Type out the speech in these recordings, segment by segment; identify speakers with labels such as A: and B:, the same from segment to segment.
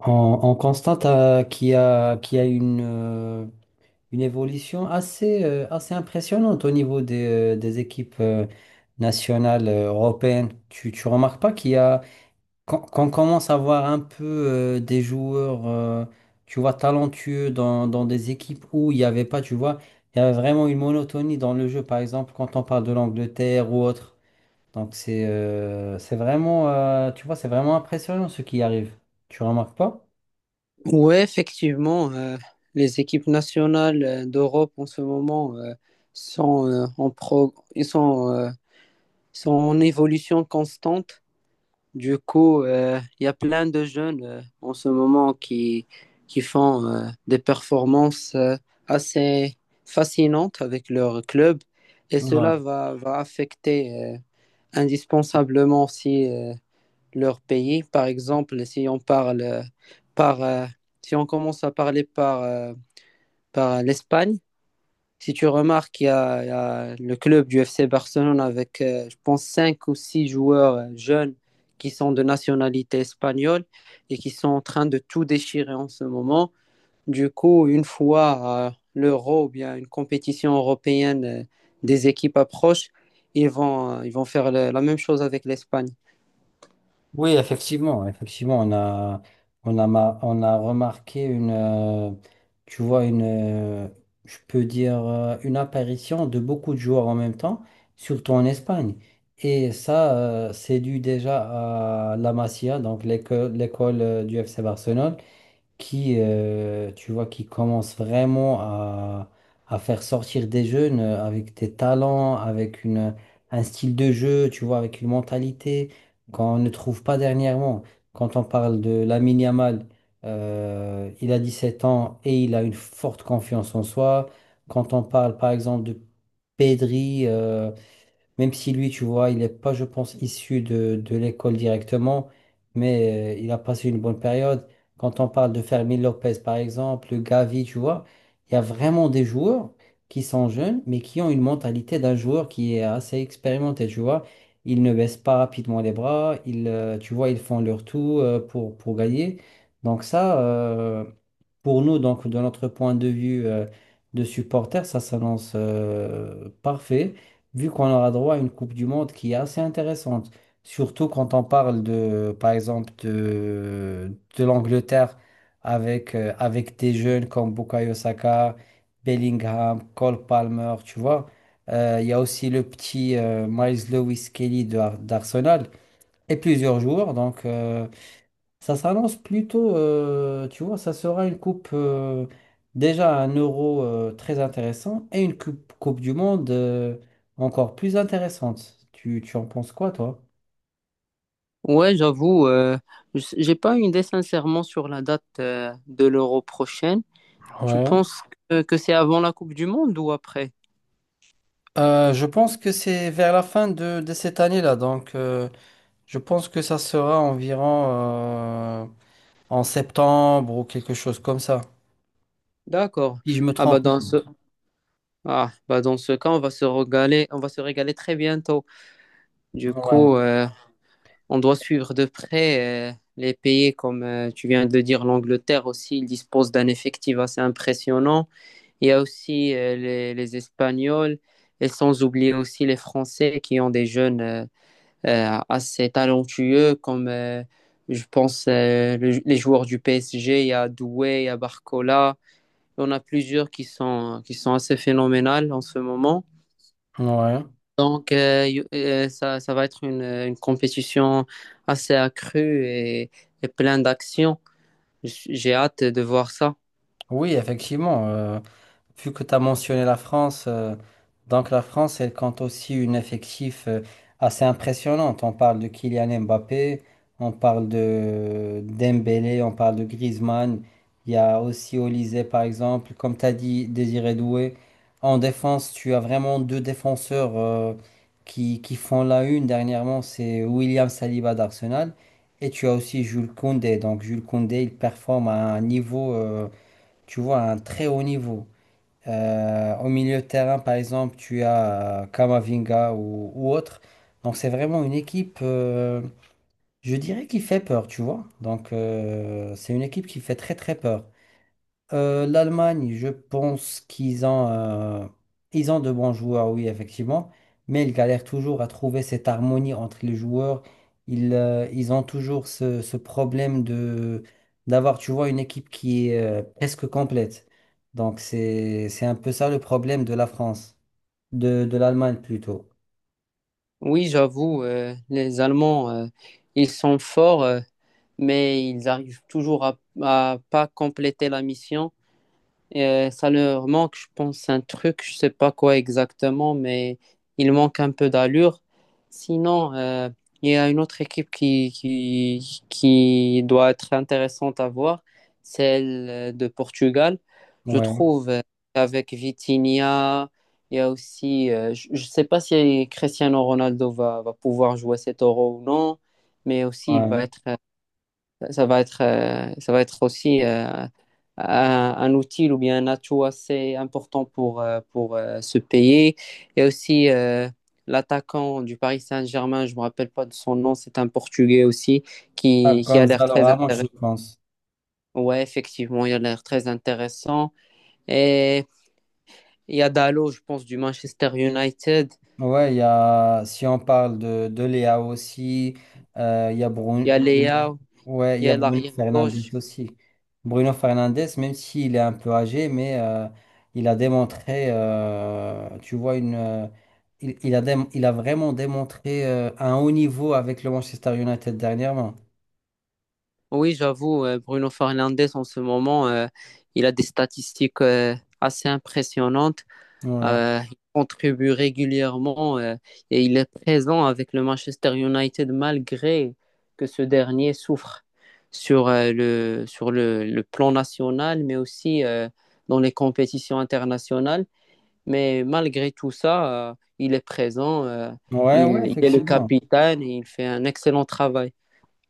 A: On, on constate qu'il y a une une évolution assez, assez impressionnante au niveau des équipes nationales européennes. Tu remarques pas qu'il y a, qu'on qu'on commence à voir un peu des joueurs, tu vois, talentueux dans des équipes où il n'y avait pas, tu vois, il y avait vraiment une monotonie dans le jeu, par exemple, quand on parle de l'Angleterre ou autre. Donc c'est vraiment, tu vois, c'est vraiment impressionnant ce qui arrive. Tu remarques pas?
B: Ouais, effectivement, les équipes nationales d'Europe en ce moment sont, en pro- ils sont, sont en évolution constante. Du coup, il y a plein de jeunes en ce moment qui font des performances assez fascinantes avec leur club et
A: Ouais,
B: cela va affecter indispensablement aussi leur pays. Par exemple, par, euh, si on commence à parler par l'Espagne, si tu remarques, il y, a y a le club du FC Barcelone avec, je pense, cinq ou six joueurs jeunes qui sont de nationalité espagnole et qui sont en train de tout déchirer en ce moment. Du coup, une fois l'Euro ou bien une compétition européenne des équipes approche, ils vont faire la même chose avec l'Espagne.
A: oui, effectivement, effectivement, on a remarqué une, tu vois, je peux dire, une apparition de beaucoup de joueurs en même temps, surtout en Espagne. Et ça, c'est dû déjà à la Masia, donc l'école, du FC Barcelone qui, tu vois, qui commence vraiment à faire sortir des jeunes avec des talents, avec une, un style de jeu, tu vois, avec une mentalité qu'on ne trouve pas dernièrement. Quand on parle de Lamine Yamal, il a 17 ans et il a une forte confiance en soi. Quand on parle, par exemple, de Pedri, même si lui, tu vois, il n'est pas, je pense, issu de l'école directement, mais il a passé une bonne période. Quand on parle de Fermín Lopez, par exemple, Gavi, tu vois, il y a vraiment des joueurs qui sont jeunes, mais qui ont une mentalité d'un joueur qui est assez expérimenté, tu vois. Ils ne baissent pas rapidement les bras, ils, tu vois, ils font leur tout pour gagner. Donc ça, pour nous, donc, de notre point de vue de supporter, ça s'annonce parfait vu qu'on aura droit à une Coupe du Monde qui est assez intéressante, surtout quand on parle de, par exemple, de l'Angleterre avec des jeunes comme Bukayo Saka, Bellingham, Cole Palmer, tu vois. Il y a aussi le petit Miles Lewis Kelly d'Arsenal et plusieurs joueurs. Donc, ça s'annonce plutôt, tu vois, ça sera une coupe déjà un euro très intéressant et une coupe du monde encore plus intéressante. Tu en penses quoi, toi?
B: Ouais, j'avoue, j'ai pas une idée sincèrement sur la date de l'Euro prochaine. Tu
A: Ouais.
B: penses que c'est avant la Coupe du Monde ou après?
A: Je pense que c'est vers la fin de cette année-là. Donc, je pense que ça sera environ euh, en septembre ou quelque chose comme ça.
B: D'accord.
A: Si je me
B: Ah bah
A: trompe.
B: dans ce ah bah dans ce cas, on va se régaler, on va se régaler très bientôt.
A: pas.
B: Du
A: Ouais.
B: coup, on doit suivre de près les pays comme tu viens de dire, l'Angleterre aussi, ils disposent d'un effectif assez impressionnant. Il y a aussi les Espagnols et sans oublier aussi les Français qui ont des jeunes. Assez talentueux comme je pense le- les joueurs du PSG, il y a Doué, il y a Barcola, il y en a plusieurs qui sont assez phénoménales en ce moment.
A: Ouais.
B: Ça va être une compétition assez accrue et plein d'actions. J'ai hâte de voir ça.
A: Oui, effectivement. Vu que tu as mentionné la France, donc la France, elle compte aussi une effectif assez impressionnante. On parle de Kylian Mbappé, on parle de Dembélé, on parle de Griezmann. Il y a aussi Olise, par exemple. Comme tu as dit, Désiré Doué. En défense, tu as vraiment deux défenseurs qui font la une. Dernièrement, c'est William Saliba d'Arsenal. Et tu as aussi Jules Koundé. Donc Jules Koundé, il performe à un niveau, tu vois, à un très haut niveau. Au milieu de terrain, par exemple, tu as Kamavinga ou autre. Donc, c'est vraiment une équipe, je dirais, qui fait peur, tu vois. Donc, c'est une équipe qui fait très, très peur. L'Allemagne, je pense qu'ils ont, ils ont de bons joueurs, oui, effectivement, mais ils galèrent toujours à trouver cette harmonie entre les joueurs. Ils, ils ont toujours ce, ce problème de d'avoir, tu vois, une équipe qui est presque complète. Donc c'est un peu ça le problème de la France, de l'Allemagne plutôt.
B: Oui, j'avoue, les Allemands, ils sont forts, mais ils arrivent toujours à pas compléter la mission. Et ça leur manque, je pense, un truc, je sais pas quoi exactement, mais il manque un peu d'allure. Sinon, il y a une autre équipe qui doit être intéressante à voir, celle de Portugal. Je
A: Ouais,
B: trouve, avec Vitinha, il y a aussi, je ne sais pas si Cristiano Ronaldo va pouvoir jouer cet Euro ou non, mais aussi il va
A: ouais.
B: être ça va être, ça va être aussi un outil ou bien un atout assez important pour, ce pays. Et aussi l'attaquant du Paris Saint-Germain, je ne me rappelle pas de son nom, c'est un Portugais aussi
A: Ah,
B: qui a l'air
A: Gonzalo
B: très
A: Ramos,
B: intéressant.
A: je pense.
B: Ouais, effectivement, il a l'air très intéressant. Et il y a Dalo, je pense, du Manchester United.
A: Ouais, si on parle de Léa aussi, il y a
B: Il
A: Bruno,
B: y a
A: Bruno-
B: Leao,
A: ouais, il
B: il y
A: y a
B: a
A: Bruno Fernandes
B: l'arrière-gauche.
A: aussi. Bruno Fernandes, même s'il est un peu âgé, mais il a démontré, tu vois, une, il a vraiment démontré un haut niveau avec le Manchester United dernièrement.
B: Oui, j'avoue, Bruno Fernandes en ce moment, il a des statistiques assez impressionnantes.
A: Ouais,
B: Il contribue régulièrement et il est présent avec le Manchester United malgré que ce dernier souffre sur le plan national, mais aussi dans les compétitions internationales. Mais malgré tout ça, il est présent,
A: ouais,
B: il est le
A: effectivement.
B: capitaine et il fait un excellent travail.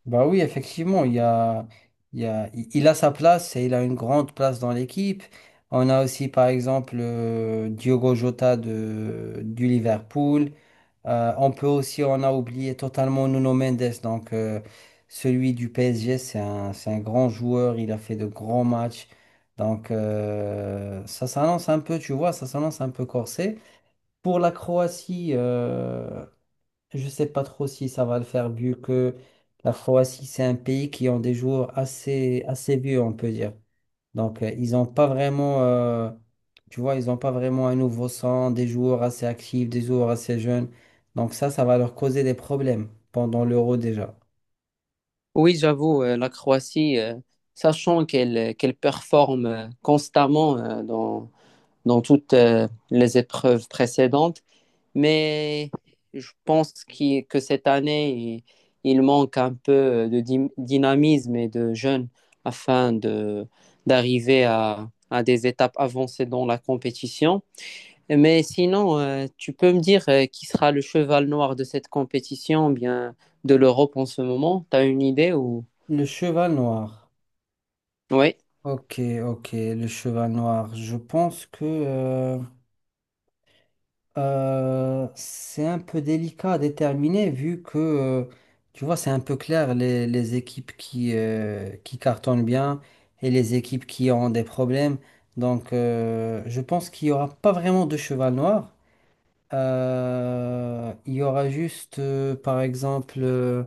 A: Bah oui, effectivement, il a sa place et il a une grande place dans l'équipe. On a aussi, par exemple, Diogo Jota du Liverpool. On peut aussi, on a oublié totalement Nuno Mendes, donc celui du PSG, c'est un grand joueur, il a fait de grands matchs. Donc ça s'annonce un peu, tu vois, ça s'annonce un peu corsé. Pour la Croatie, je ne sais pas trop si ça va le faire vu que la Croatie, c'est un pays qui ont des joueurs assez, assez vieux, on peut dire. Donc, ils n'ont pas vraiment, tu vois, ils n'ont pas vraiment un nouveau sang, des joueurs assez actifs, des joueurs assez jeunes. Donc ça va leur causer des problèmes pendant l'Euro déjà.
B: Oui, j'avoue, la Croatie, sachant qu'elle qu'elle performe constamment dans toutes les épreuves précédentes, mais je pense que cette année, il manque un peu dynamisme et de jeunes afin de d'arriver à des étapes avancées dans la compétition. Mais sinon, tu peux me dire qui sera le cheval noir de cette compétition, bien de l'Europe en ce moment? T'as une idée ou...
A: Le cheval noir.
B: Oui.
A: Ok, ok, le cheval noir. Je pense que... c'est un peu délicat à déterminer vu que, tu vois, c'est un peu clair les équipes qui cartonnent bien et les équipes qui ont des problèmes. Donc, je pense qu'il n'y aura pas vraiment de cheval noir. Il y aura juste, par exemple,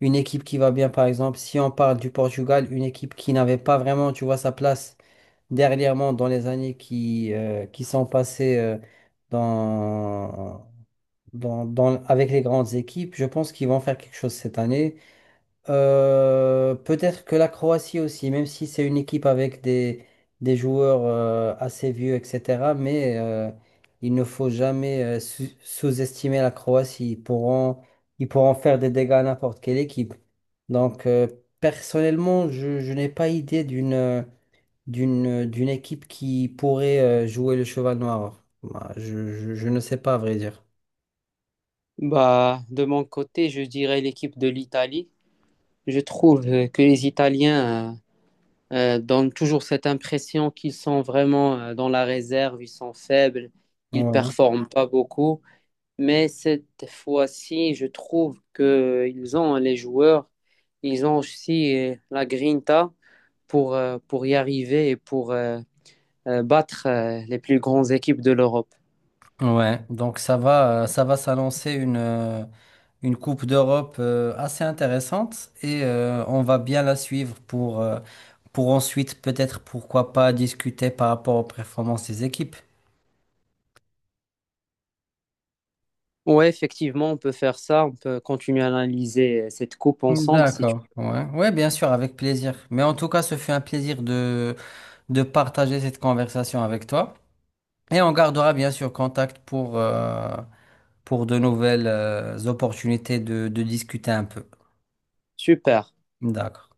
A: une équipe qui va bien. Par exemple, si on parle du Portugal, une équipe qui n'avait pas vraiment, tu vois, sa place dernièrement dans les années qui sont passées. Dans, Avec les grandes équipes. Je pense qu'ils vont faire quelque chose cette année. Peut-être que la Croatie aussi, même si c'est une équipe avec des joueurs assez vieux, etc. Mais il ne faut jamais sous-estimer la Croatie. Ils pourront faire des dégâts à n'importe quelle équipe. Donc, personnellement, je n'ai pas idée d'une, d'une équipe qui pourrait jouer le cheval noir. Bah, je ne sais pas, à vrai dire.
B: Bah, de mon côté, je dirais l'équipe de l'Italie. Je trouve que les Italiens donnent toujours cette impression qu'ils sont vraiment dans la réserve, ils sont faibles, ils
A: Ouais.
B: performent pas beaucoup. Mais cette fois-ci, je trouve qu'ils ont les joueurs, ils ont aussi la grinta pour y arriver et pour battre les plus grandes équipes de l'Europe.
A: Ouais, donc ça va s'annoncer une Coupe d'Europe assez intéressante et on va bien la suivre pour, pour ensuite peut-être pourquoi pas discuter par rapport aux performances des équipes.
B: Ouais, effectivement, on peut faire ça. On peut continuer à analyser cette coupe ensemble si tu
A: D'accord, ouais, ouais, bien sûr, avec plaisir. Mais en tout cas, ce fut un plaisir de partager cette conversation avec toi. Et on gardera bien sûr contact pour de nouvelles opportunités de discuter un peu.
B: Super.
A: D'accord.